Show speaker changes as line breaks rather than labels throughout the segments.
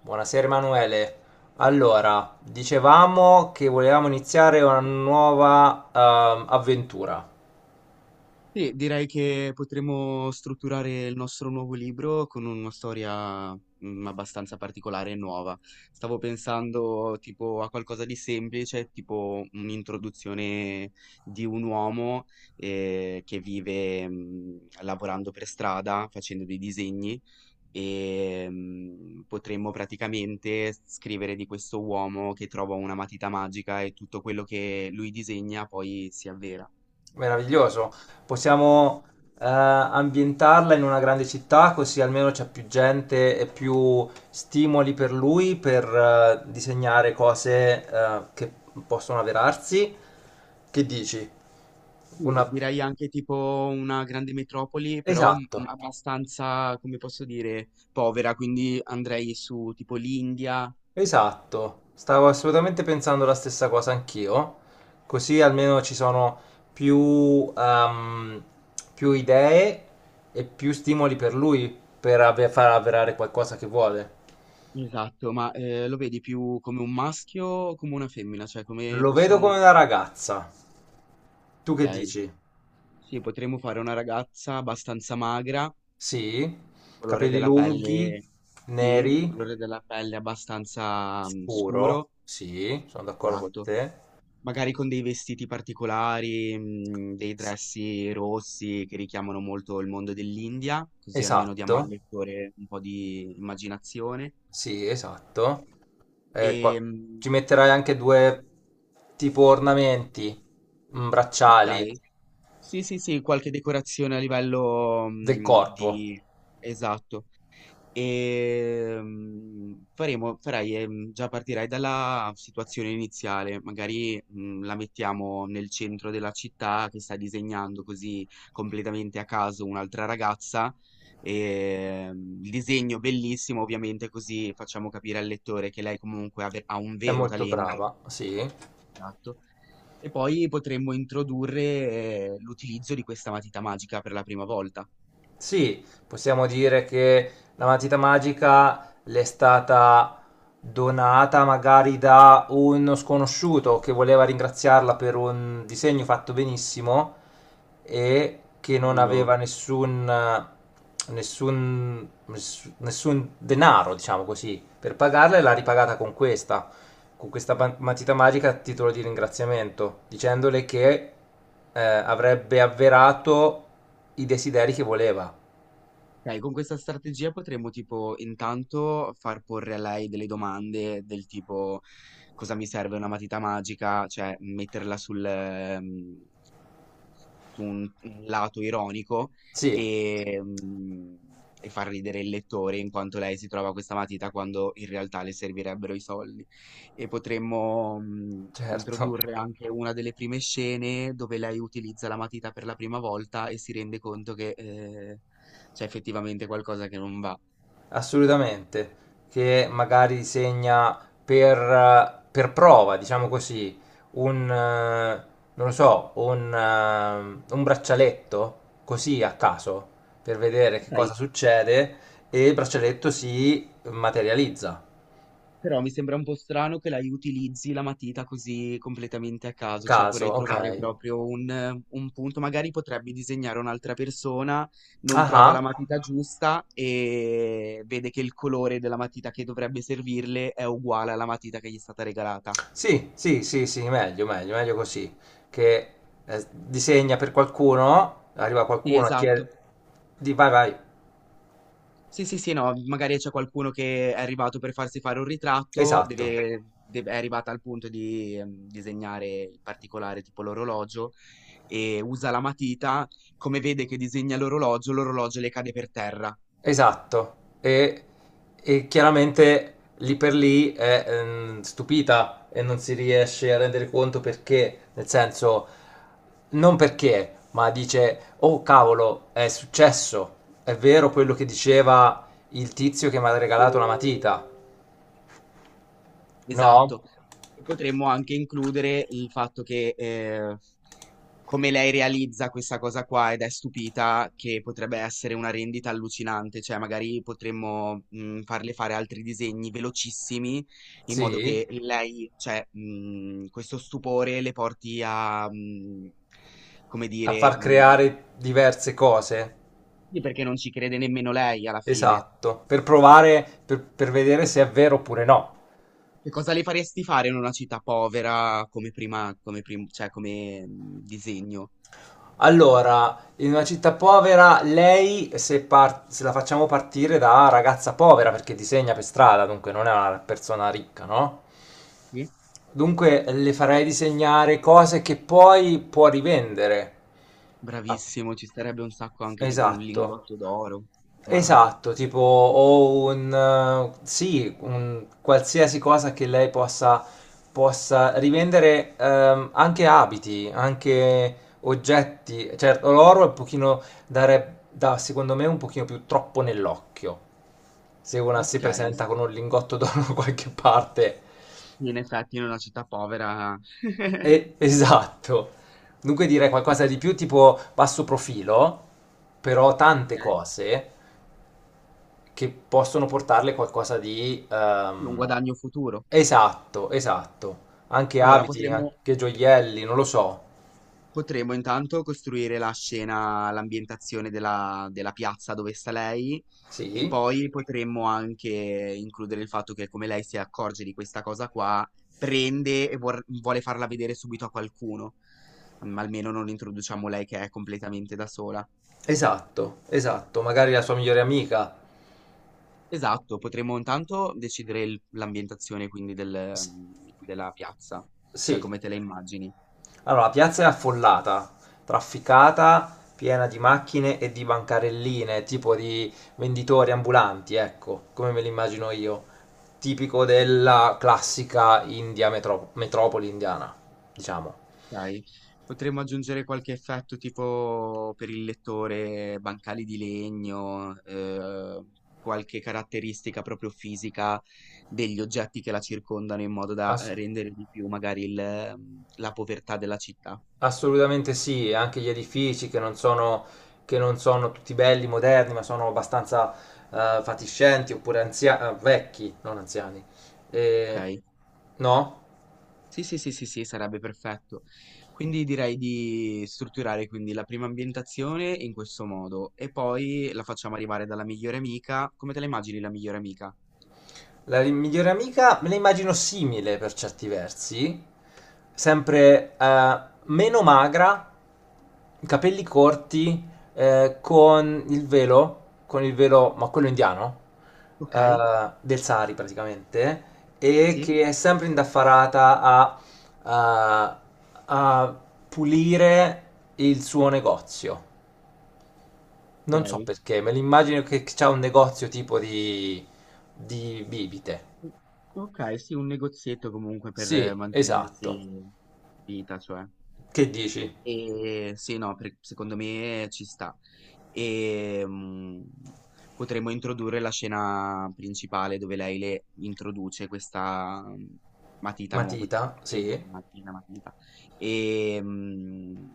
Buonasera Emanuele. Allora, dicevamo che volevamo iniziare una nuova avventura.
Sì, direi che potremmo strutturare il nostro nuovo libro con una storia, abbastanza particolare e nuova. Stavo pensando tipo a qualcosa di semplice, tipo un'introduzione di un uomo che vive lavorando per strada, facendo dei disegni e potremmo praticamente scrivere di questo uomo che trova una matita magica e tutto quello che lui disegna poi si avvera.
Meraviglioso. Possiamo ambientarla in una grande città, così almeno c'è più gente e più stimoli per lui per disegnare cose che possono avverarsi. Che dici?
Sì,
Una...
direi anche tipo una grande metropoli, però
Esatto.
abbastanza, come posso dire, povera, quindi andrei su tipo l'India.
Esatto, stavo assolutamente pensando la stessa cosa anch'io, così almeno ci sono più più idee e più stimoli per lui per far avverare qualcosa che vuole.
Esatto, ma lo vedi più come un maschio o come una femmina? Cioè come
Lo vedo come
possiamo...
una ragazza. Tu che
Ok,
dici?
sì, potremmo fare una ragazza abbastanza magra,
Sì,
colore
capelli
della
lunghi,
pelle, sì, colore
neri,
della pelle abbastanza
scuro.
scuro,
Sì, sono d'accordo con
esatto.
te.
Magari con dei vestiti particolari, dei dressi rossi che richiamano molto il mondo dell'India, così almeno diamo al
Esatto.
lettore un po' di immaginazione.
Sì, esatto. Eh, qua-
Ehm,
Ci metterai anche due tipo ornamenti, mm, bracciali
okay. Sì, sì, sì, qualche decorazione a livello,
del corpo.
di esatto. Faremo, farai, già partirai dalla situazione iniziale, magari la mettiamo nel centro della città che sta disegnando così completamente a caso un'altra ragazza. Il disegno bellissimo, ovviamente, così facciamo capire al lettore che lei comunque ha un
È
vero
molto brava,
talento.
sì.
Esatto. E poi potremmo introdurre l'utilizzo di questa matita magica per la prima volta.
Sì, possiamo dire che la matita magica le è stata donata magari da uno sconosciuto che voleva ringraziarla per un disegno fatto benissimo e che non aveva
Bello.
nessun denaro, diciamo così, per pagarla e l'ha ripagata con questa matita magica a titolo di ringraziamento, dicendole che avrebbe avverato i desideri che voleva.
Ok, con questa strategia potremmo tipo intanto far porre a lei delle domande del tipo cosa mi serve una matita magica, cioè metterla su un lato ironico
Sì,
e, e far ridere il lettore in quanto lei si trova questa matita quando in realtà le servirebbero i soldi. E potremmo
certo,
introdurre anche una delle prime scene dove lei utilizza la matita per la prima volta e si rende conto che c'è effettivamente qualcosa che non va.
assolutamente, che magari segna per prova, diciamo così, un, eh, non lo so, un braccialetto, così a caso, per vedere che cosa succede, e il braccialetto si materializza.
Però mi sembra un po' strano che la utilizzi la matita così completamente a
A
caso, cioè
caso,
vorrei
ok.
trovare proprio un punto, magari potrebbe disegnare un'altra persona, non
Ah,
trova la
ah.
matita giusta e vede che il colore della matita che dovrebbe servirle è uguale alla matita che gli è stata regalata.
Sì, sì, sì, sì, meglio così, che disegna per qualcuno, arriva
Sì,
qualcuno a
esatto.
chiedere... Di, vai, vai.
Sì, sì, sì, no, magari c'è qualcuno che è arrivato per farsi fare un ritratto,
Esatto,
è arrivata al punto di disegnare il particolare, tipo l'orologio, e usa la matita, come vede che disegna l'orologio, l'orologio le cade per terra.
esatto. E, e chiaramente lì per lì è stupita e non si riesce a rendere conto perché, nel senso, non perché, ma dice, oh cavolo, è successo, è vero quello che diceva il tizio che mi ha regalato la matita, no?
Esatto. E potremmo anche includere il fatto che come lei realizza questa cosa qua ed è stupita che potrebbe essere una rendita allucinante, cioè magari potremmo farle fare altri disegni velocissimi in modo
Sì,
che lei, cioè questo stupore le porti a, come
a
dire,
far creare diverse cose,
sì, perché non ci crede nemmeno lei alla fine.
esatto, per provare, per vedere se è vero oppure no.
Che cosa le faresti fare in una città povera come prima, cioè come disegno?
Allora, in una città povera, lei, se, se la facciamo partire da ragazza povera, perché disegna per strada, dunque non è una persona ricca, no?
Sì?
Dunque le farei disegnare cose che poi può rivendere. Ah,
Bravissimo, ci starebbe un sacco anche tipo un
esatto.
lingotto d'oro. Diamante.
Esatto, tipo o un, sì, un qualsiasi cosa che lei possa, possa rivendere, anche abiti, anche oggetti. Certo, l'oro è un pochino dare, da, secondo me, un pochino più troppo nell'occhio. Se una si
Okay, sì
presenta con un lingotto d'oro da qualche parte.
in effetti in una città povera
Esatto. Dunque direi
io
qualcosa di
pot-
più tipo basso profilo, però tante
okay,
cose che possono portarle qualcosa di...
sì, un guadagno futuro.
esatto, esatto. Anche
Allora
abiti, anche gioielli, non lo so.
potremmo intanto costruire la scena, l'ambientazione della piazza dove sta lei e
Sì,
poi potremmo anche includere il fatto che come lei si accorge di questa cosa qua, prende e vor vuole farla vedere subito a qualcuno, ma almeno non introduciamo lei che è completamente da sola.
esatto, esatto. Magari la sua migliore amica.
Esatto, potremmo intanto decidere l'ambientazione quindi del,
S-
della piazza, cioè
sì.
come te la immagini.
Allora, la piazza è affollata, trafficata, piena di macchine e di bancarelline, tipo di venditori ambulanti, ecco, come me li immagino io. Tipico della classica India metropoli indiana, diciamo.
Ok? Potremmo aggiungere qualche effetto tipo per il lettore, bancali di legno, qualche caratteristica proprio fisica degli oggetti che la circondano in modo da
Ass-
rendere di più magari il, la povertà della città.
Assolutamente sì, e anche gli edifici che non sono tutti belli, moderni, ma sono abbastanza fatiscenti oppure vecchi, non anziani. E-
Ok?
No?
Sì, sì, sì, sì, sì, sarebbe perfetto. Quindi direi di strutturare quindi la prima ambientazione in questo modo e poi la facciamo arrivare dalla migliore amica. Come te la immagini la migliore amica?
La migliore amica me la immagino simile per certi versi, sempre meno magra, capelli corti, eh, con il velo, con il velo, ma quello indiano,
Ok?
del Sari praticamente, e
Sì?
che è sempre indaffarata a- a pulire il suo negozio. Non so
Ok.
perché, me l'immagino che c'ha un negozio tipo di bibite.
Ok, sì, un negozietto comunque per
Sì,
mantenersi
esatto.
in vita, cioè.
Che dici?
E sì, no, per- secondo me ci sta. E potremmo introdurre la scena principale dove lei le introduce questa matita nuova, questa
Matita? Sì,
patente, matita. E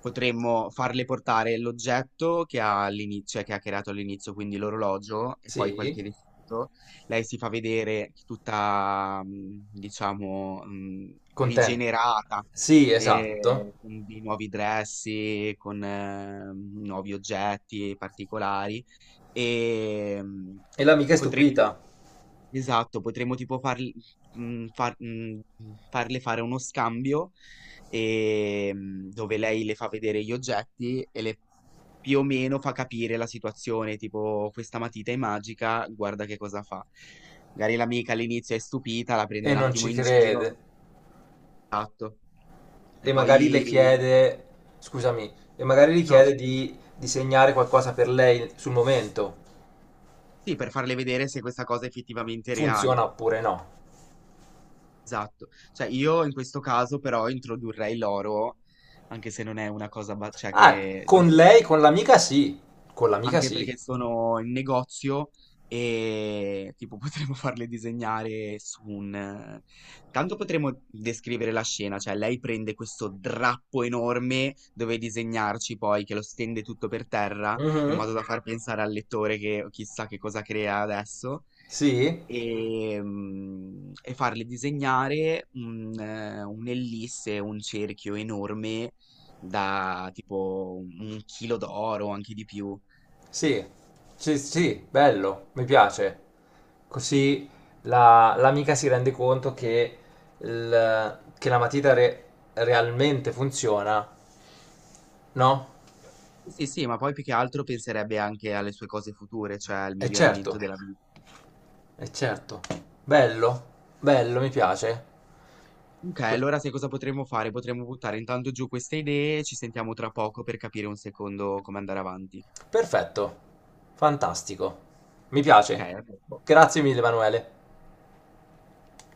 potremmo farle portare l'oggetto che ha all'inizio, cioè che ha creato all'inizio, quindi l'orologio e poi
sì,
qualche vestito. Lei si fa vedere tutta, diciamo,
contento.
rigenerata
Sì, esatto.
e con di nuovi dressi, con nuovi oggetti particolari e
E l'amica è
potremmo,
stupita
esatto, potremmo tipo farli, mm, far- mm, farle fare uno scambio e, dove lei le fa vedere gli oggetti e le più o meno fa capire la situazione, tipo questa matita è magica, guarda che cosa fa. Magari l'amica all'inizio è stupita, la prende
e
un
non
attimo
ci
in giro,
crede.
esatto, e
E magari le
poi...
chiede, scusami, e magari le
No,
chiede
scusa.
di disegnare qualcosa per lei sul momento.
Sì, per farle vedere se questa cosa è effettivamente reale.
Funziona oppure no?
Esatto. Cioè, io in questo caso però introdurrei l'oro, anche se non è una cosa, cioè
Ah,
che...
con
visto
lei,
che-
con l'amica sì. Con l'amica
anche
sì.
perché sono in negozio e tipo potremmo farle disegnare su un... tanto potremmo descrivere la scena, cioè lei prende questo drappo enorme dove disegnarci poi, che lo stende tutto per terra, in
Mhm.
modo da far pensare al lettore che chissà che cosa crea adesso.
Sì?
E, e farle disegnare un'ellisse, un cerchio enorme da tipo un chilo d'oro, anche di più.
Sì, sì, sì, bello, mi piace. Così l'amica si rende conto che, che la matita realmente funziona, no?
Sì, sì, ma poi più che altro penserebbe anche alle sue cose future, cioè al
E certo,
miglioramento della vita.
è certo. Bello, bello, mi piace.
Ok, allora sai cosa potremmo fare? Potremmo buttare intanto giù queste idee, ci sentiamo tra poco per capire un secondo come andare avanti.
Perfetto, fantastico. Mi
Ok?
piace.
A dopo.
Grazie mille, Emanuele.